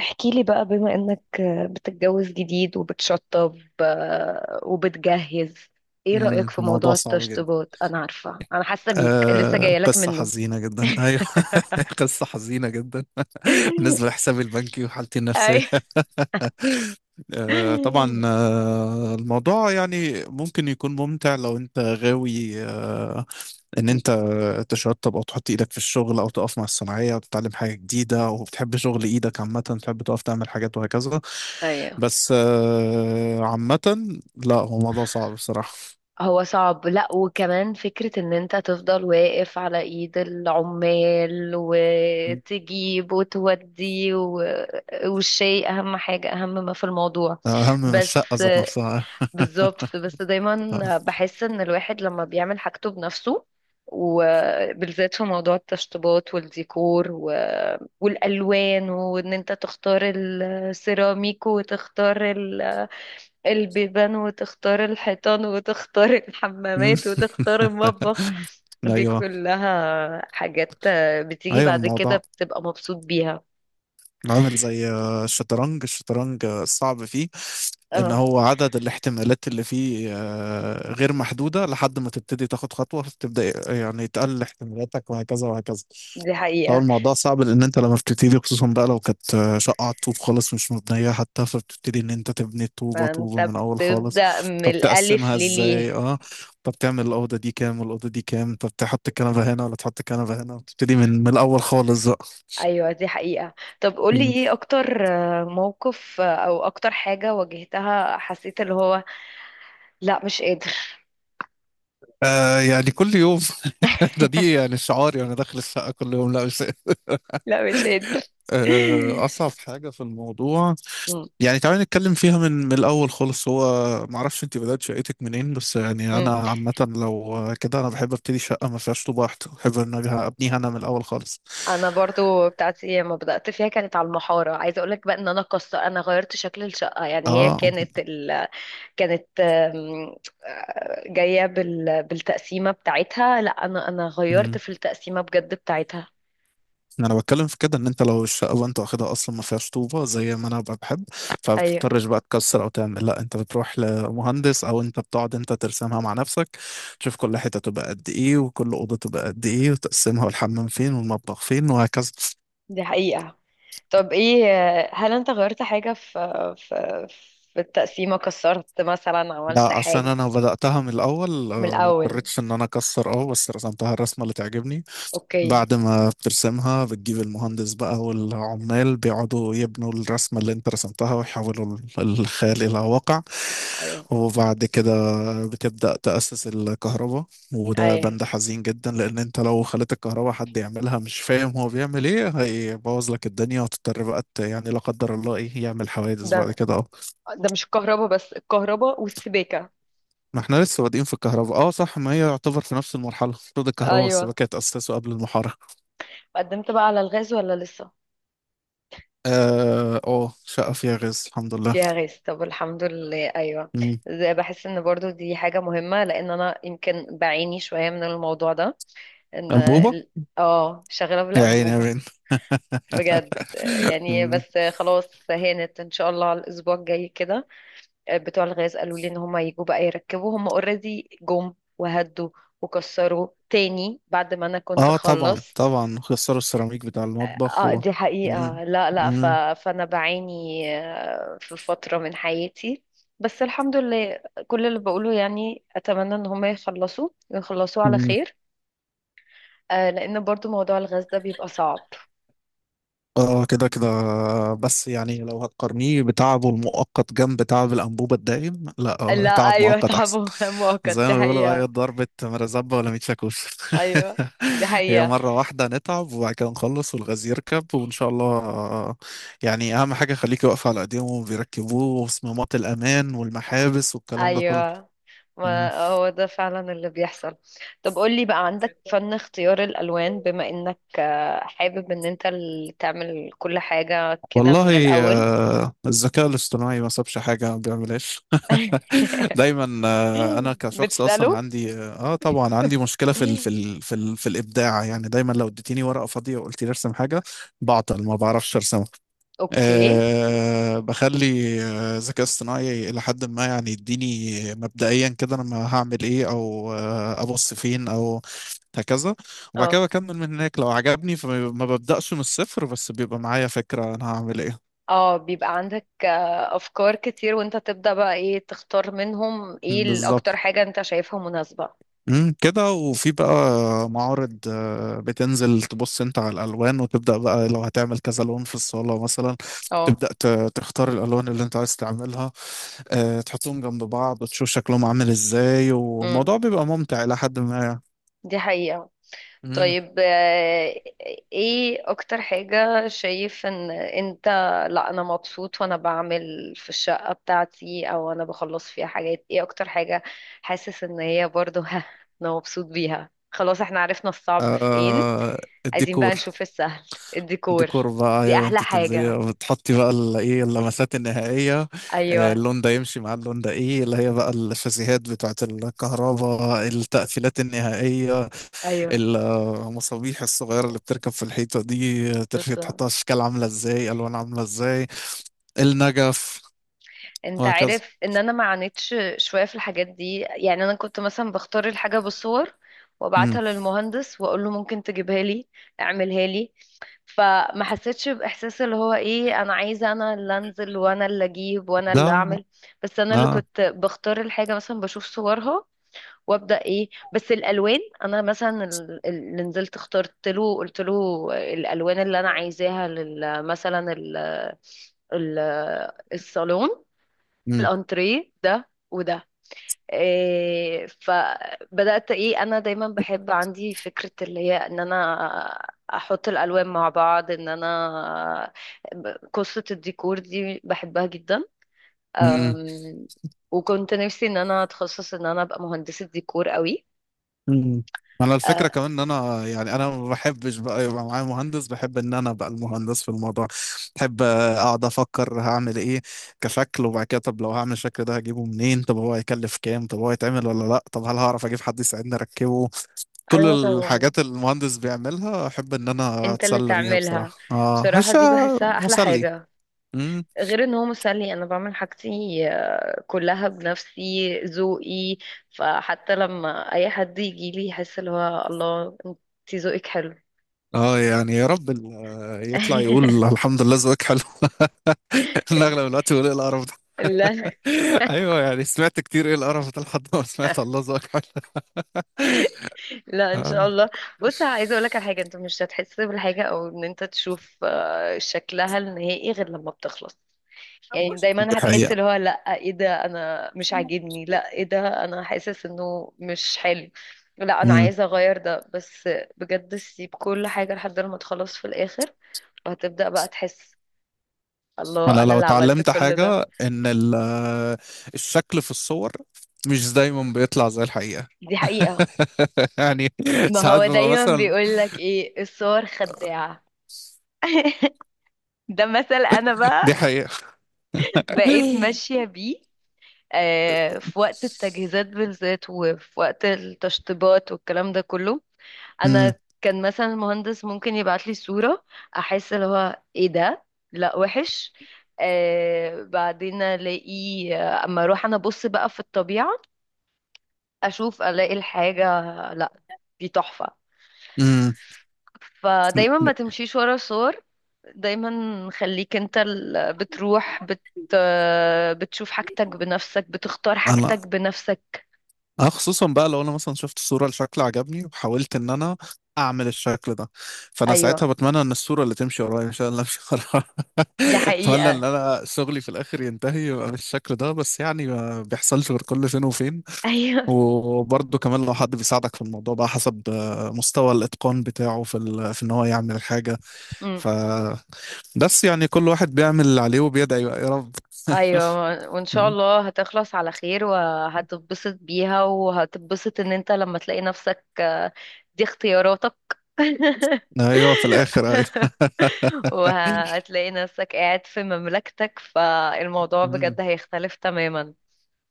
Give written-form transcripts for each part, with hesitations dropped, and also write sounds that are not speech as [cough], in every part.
احكي لي بقى بما انك بتتجوز جديد وبتشطب، وبتجهز. ايه رأيك في موضوع الموضوع صعب جدا. التشطيبات؟ انا عارفة، انا حاسة بيك لسه جاية لك قصة منه. حزينة جدا. [laughs] أيوه. [laughs] قصة حزينة جدا بالنسبة لحسابي البنكي وحالتي النفسية. اي، [laughs] طبعا. الموضوع يعني ممكن يكون ممتع لو أنت غاوي، إن أنت تشطب أو تحط إيدك في الشغل أو تقف مع الصناعية أو تتعلم حاجة جديدة أو بتحب شغل إيدك عامة تحب تقف تعمل حاجات وهكذا. ايوه. بس عامة، لا هو موضوع صعب بصراحة. هو صعب، لا، وكمان فكرة ان انت تفضل واقف على ايد العمال وتجيب وتودي و... والشيء، اهم حاجة، اهم ما في الموضوع، أهم من بس الشقة ذات نفسها. بالظبط. بس دايما بحس ان الواحد لما بيعمل حاجته بنفسه، وبالذات في موضوع التشطيبات والديكور و... والالوان، وان انت تختار السيراميك وتختار البيبان، وتختار الحيطان، وتختار مم. الحمامات، وتختار المطبخ. دي ايوه. كلها حاجات بتيجي ايوه بعد كده الموضوع بتبقى مبسوط بيها. عامل زي الشطرنج. الشطرنج، الصعب فيه ان اه هو عدد الاحتمالات اللي فيه غير محدوده لحد ما تبتدي تاخد خطوه، فتبدا يعني تقلل احتمالاتك وهكذا وهكذا. دي فهو حقيقة، الموضوع صعب لان انت لما بتبتدي، خصوصا بقى لو كانت شقه على الطوب خالص مش مبنيه حتى، فبتبتدي ان انت تبني الطوبه طوبه فانت من اول خالص. بتبدأ من طب الألف تقسمها ازاي؟ لليه. اه. طب تعمل الاوضه دي كام والاوضه دي كام؟ طب تحط الكنبه هنا ولا تحط الكنبه هنا؟ تبتدي من الاول خالص. ايوه دي حقيقة. طب قولي، بقى ايه اكتر موقف او اكتر حاجة واجهتها حسيت اللي هو لا مش قادر؟ [laughs] يعني كل يوم. [laughs] ده دي يعني شعاري وانا داخل الشقه كل يوم، لا مش، لا مش قادر. اصعب [laughs] حاجه في الموضوع. مم، يعني تعالى نتكلم فيها من الاول خالص. هو ما اعرفش انت بدات شقتك منين، بس يعني انا مم. عامه لو كده انا بحب ابتدي شقه ما فيهاش طوب واحد، بحب ان أنا ابنيها انا من الاول خالص. انا برضو بتاعتي لما بدأت فيها كانت على المحارة. عايزة اقولك بقى ان انا، قصة انا غيرت شكل الشقة، يعني هي اه، كانت كانت جاية بالتقسيمة بتاعتها، لا انا غيرت في التقسيمة بجد بتاعتها. انا بتكلم في كده ان انت لو الشقه بقى انت واخدها اصلا ما فيهاش طوبه زي ما انا بقى بحب، فما ايوه بتضطرش بقى تكسر او تعمل. لا، انت بتروح لمهندس او انت بتقعد انت ترسمها مع نفسك، تشوف كل حته تبقى قد ايه وكل اوضه تبقى قد ايه وتقسمها، والحمام فين والمطبخ فين وهكذا. دي حقيقة. طب ايه، هل انت غيرت حاجة في في في التقسيمة، كسرت مثلا، عملت لا عشان حاجة انا بداتها من الاول، من ما الأول؟ اضطريتش ان انا اكسر. اه بس رسمتها الرسمه اللي تعجبني. اوكي. بعد ما بترسمها بتجيب المهندس بقى، والعمال بيقعدوا يبنوا الرسمة اللي انت رسمتها ويحولوا الخيال إلى واقع. ايوه، وبعد كده بتبدأ تأسس الكهرباء، وده ايوه. بند حزين جدا لأن انت لو خليت الكهرباء حد يعملها مش فاهم هو بيعمل ايه، هيبوظ لك الدنيا وتضطر بقى يعني لا قدر الله ايه يعمل حوادث ده بعد كده. اه ده مش الكهرباء بس، الكهرباء والسباكة. ما احنا لسه بادئين في الكهرباء. اه صح، ما هي يعتبر في نفس المرحلة المفروض الكهرباء ايوه، والسباكة يتأسسوا قبل المحارة. قدمت بقى على الغاز ولا لسه؟ اه شقة فيها غاز الحمد لله. فيها غاز، طب الحمد لله. ايوه، مم. ده بحس ان برضو دي حاجة مهمة، لان انا يمكن بعاني شوية من الموضوع ده، ان أنبوبة. اه شغالة يا عيني يا بالأنبوبة، بنت. بجد يعني. مم. بس خلاص هانت ان شاء الله على الاسبوع الجاي كده. بتوع الغاز قالوا لي ان هم يجوا بقى يركبوا، هم اوريدي جم وهدوا وكسروا تاني بعد ما انا كنت اه طبعا خلصت. طبعا، خسروا السيراميك بتاع المطبخ اه و... دي مم. حقيقة، لا لا مم. فانا بعاني في فترة من حياتي، بس الحمد لله. كل اللي بقوله يعني اتمنى ان هم يخلصوا ويخلصوا على مم. خير، لان برضو موضوع الغاز ده بيبقى صعب. اه كده كده. بس يعني لو هتقارنيه بتعبه المؤقت جنب تعب الأنبوبة الدائم، لا، اه لا تعب ايوه، مؤقت تعب أحسن. [laughs] مؤقت، زي دي ما بيقولوا: أي حقيقة. ضربة مرزبة ولا ميت شاكوش. [laughs] ايوه دي هي حقيقة. مرة واحدة نتعب وبعد كده نخلص والغاز يركب وإن شاء الله، يعني أهم حاجة خليكي واقفة على إيديهم وبيركبوه، وصمامات الأمان والمحابس والكلام ده كله. ايوه ما هو ده فعلا اللي بيحصل. طب قولي بقى، عندك مم. فن اختيار الالوان، بما انك حابب ان انت اللي تعمل كل حاجة كده من والله، الاول؟ الذكاء الاصطناعي ما سابش حاجة ما بيعملهاش. [laughs] [laughs] دايما، أنا كشخص أصلا بتسأله، عندي طبعا عندي مشكلة في الإبداع. يعني دايما لو اديتيني ورقة فاضية وقلت لي ارسم حاجة، بعطل ما بعرفش أرسمها. اوكي. أه بخلي الذكاء الاصطناعي إلى حد ما يعني يديني مبدئيا كده أنا ما هعمل إيه أو أبص فين، أو هكذا. وبعد كده اه بكمل من هناك لو عجبني، فما ما ببدأش من الصفر، بس بيبقى معايا فكرة أنا هعمل إيه. اه بيبقى عندك افكار كتير، وانت تبدأ بقى ايه تختار منهم، ايه بالظبط. الاكتر حاجة انت شايفها مناسبة؟ كده. وفي بقى معارض، بتنزل تبص انت على الالوان وتبدا بقى لو هتعمل كذا لون في الصاله مثلا. اه، تبدا تختار الالوان اللي انت عايز تعملها، تحطهم جنب بعض وتشوف شكلهم عامل ازاي، امم والموضوع بيبقى ممتع الى حد ما. دي حقيقة. مم. طيب ايه اكتر حاجة شايف ان انت، لا انا مبسوط وانا بعمل في الشقة بتاعتي، او انا بخلص فيها حاجات؟ ايه اكتر حاجة حاسس ان هي برضو [laughs] ها، انا مبسوط بيها؟ خلاص احنا عرفنا الصعب فين، آه، عايزين بقى الديكور. نشوف السهل. الديكور، ديكور بقى دي ايوه، احلى انت بتنزلي حاجة. بتحطي بقى ايه اللمسات النهائيه، ايوه، اللون ده يمشي مع اللون ده، ايه اللي هي بقى الشاسيهات بتاعت الكهرباء، التقفيلات النهائيه، ايوه، المصابيح الصغيره اللي بتركب في الحيطه دي، ترفي بس تحطها، اشكال عامله ازاي الوان عامله ازاي، النجف، انت وهكذا. عارف ان انا ما عانيتش شويه في الحاجات دي، يعني انا كنت مثلا بختار الحاجه بالصور، امم. وابعتها للمهندس واقول له ممكن تجيبها لي، اعملها لي. فما حسيتش باحساس اللي هو ايه، انا عايزه انا اللي انزل وانا اللي اجيب وانا اللي ده اعمل. بس انا اللي اه. كنت بختار الحاجه، مثلا بشوف صورها، وابدا ايه، بس الالوان. انا مثلا اللي نزلت اخترت له، قلت له الالوان اللي انا عايزاها مثلا ال- الصالون، الانتريه ده وده، إيه. فبدأت، ايه، انا دايما بحب عندي فكرة اللي هي ان انا احط الالوان مع بعض، ان انا قصة الديكور دي بحبها جدا. امم. أم، وكنت نفسي ان انا اتخصص، ان انا ابقى مهندسة ديكور قوي. امم. انا الفكره أه، كمان ان انا يعني انا ما بحبش بقى يبقى معايا مهندس، بحب ان انا ابقى المهندس في الموضوع. بحب اقعد افكر هعمل ايه كشكل، وبعد كده طب لو هعمل الشكل ده هجيبه منين، طب هو هيكلف كام، طب هو هيتعمل ولا لا، طب هل هعرف اجيب حد يساعدني اركبه. كل ايوه طبعا. الحاجات اللي المهندس بيعملها احب ان انا انت اللي اتسلى بيها تعملها. بصراحه. اه، بصراحة مش دي بحسها احلى مسلي. حاجة، امم. غير ان هو مسلي، انا بعمل حاجتي كلها بنفسي، ذوقي. فحتى لما اي حد يجي لي يحس اللي هو الله انت ذوقك حلو. اه يعني يا رب يطلع يقول [laughs] الحمد لله ذوقك حلو. [laughs] إن اغلب الوقت يقول ايه القرف. لا، ايوه يعني سمعت كتير ايه القرف ده لحد ما سمعت الله ذاك. [laughs] لا ان شاء آه، الله. بص عايزه اقول لك على حاجه، انت مش هتحس بالحاجه او ان انت تشوف شكلها النهائي غير لما بتخلص. يعني دي دايما هتحس حقيقة. اللي هو لا، ايه ده، انا مش عاجبني، لا ايه ده، انا حاسس انه مش حلو، لا انا امم. عايزه اغير ده. بس بجد سيب كل حاجه لحد ما تخلص في الاخر، وهتبدا بقى تحس انا الله انا لو اللي عملت اتعلمت كل ده. حاجة ان الشكل في الصور مش دايما بيطلع زي الحقيقة. دي حقيقه، [laughs] يعني ما ساعات هو ببقى دايما مثلا، بيقول لك ايه، الصور خداعه. [laughs] ده مثل، انا دي بقى حقيقة. بقيت ماشيه بيه، في وقت التجهيزات بالذات، وفي وقت التشطيبات والكلام ده كله. امم. انا كان مثلا المهندس ممكن يبعت لي صورة، احس اللي هو ايه ده، لا وحش. بعدين الاقي، اما اروح انا ابص بقى في الطبيعة، اشوف الاقي الحاجة، لا دي تحفة. امم. فدايما ما تمشيش ورا صور، دايما خليك انت بتروح بتشوف حاجتك بنفسك، بتختار حاجتك انا بنفسك. أنا خصوصا بقى لو انا مثلا شفت صورة لشكل عجبني وحاولت ان انا اعمل الشكل ده، فانا ساعتها ايوه بتمنى ان الصورة اللي تمشي ورايا مش انا اللي امشي. دي اتمنى حقيقة. ان انا شغلي في الاخر ينتهي يبقى بالشكل ده، بس يعني ما بيحصلش غير كل فين وفين. [laughs] ايوه. وبرضه كمان لو حد بيساعدك في الموضوع بقى حسب مستوى الاتقان بتاعه في ان هو يعمل الحاجه. أمم. ف بس يعني كل واحد بيعمل اللي عليه وبيدعي بقى يا رب. ايوه وان شاء [laughs] الله هتخلص على خير، وهتتبسط بيها، وهتتبسط ان انت لما تلاقي نفسك، دي اختياراتك. [laughs] ايوه في الاخر ايوه. وهتلاقي نفسك قاعد في مملكتك، فالموضوع بجد [laughs] هيختلف تماما.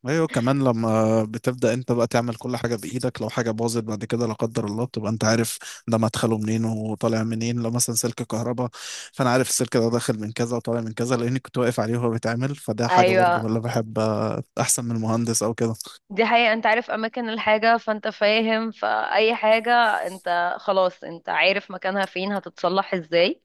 ايوه كمان لما بتبدأ انت بقى تعمل كل حاجة بإيدك، لو حاجة باظت بعد كده لا قدر الله بتبقى انت عارف ده مدخله منين وطالع منين. لو مثلا سلك كهرباء، فانا عارف السلك ده داخل من كذا وطالع من كذا لاني كنت واقف عليه وهو بيتعمل. فده حاجة برضه ايوه ولا، بحب احسن من مهندس او كده. دي حقيقة. انت عارف اماكن الحاجة، فانت فاهم فاي حاجة، انت خلاص انت عارف مكانها فين، هتتصلح ازاي.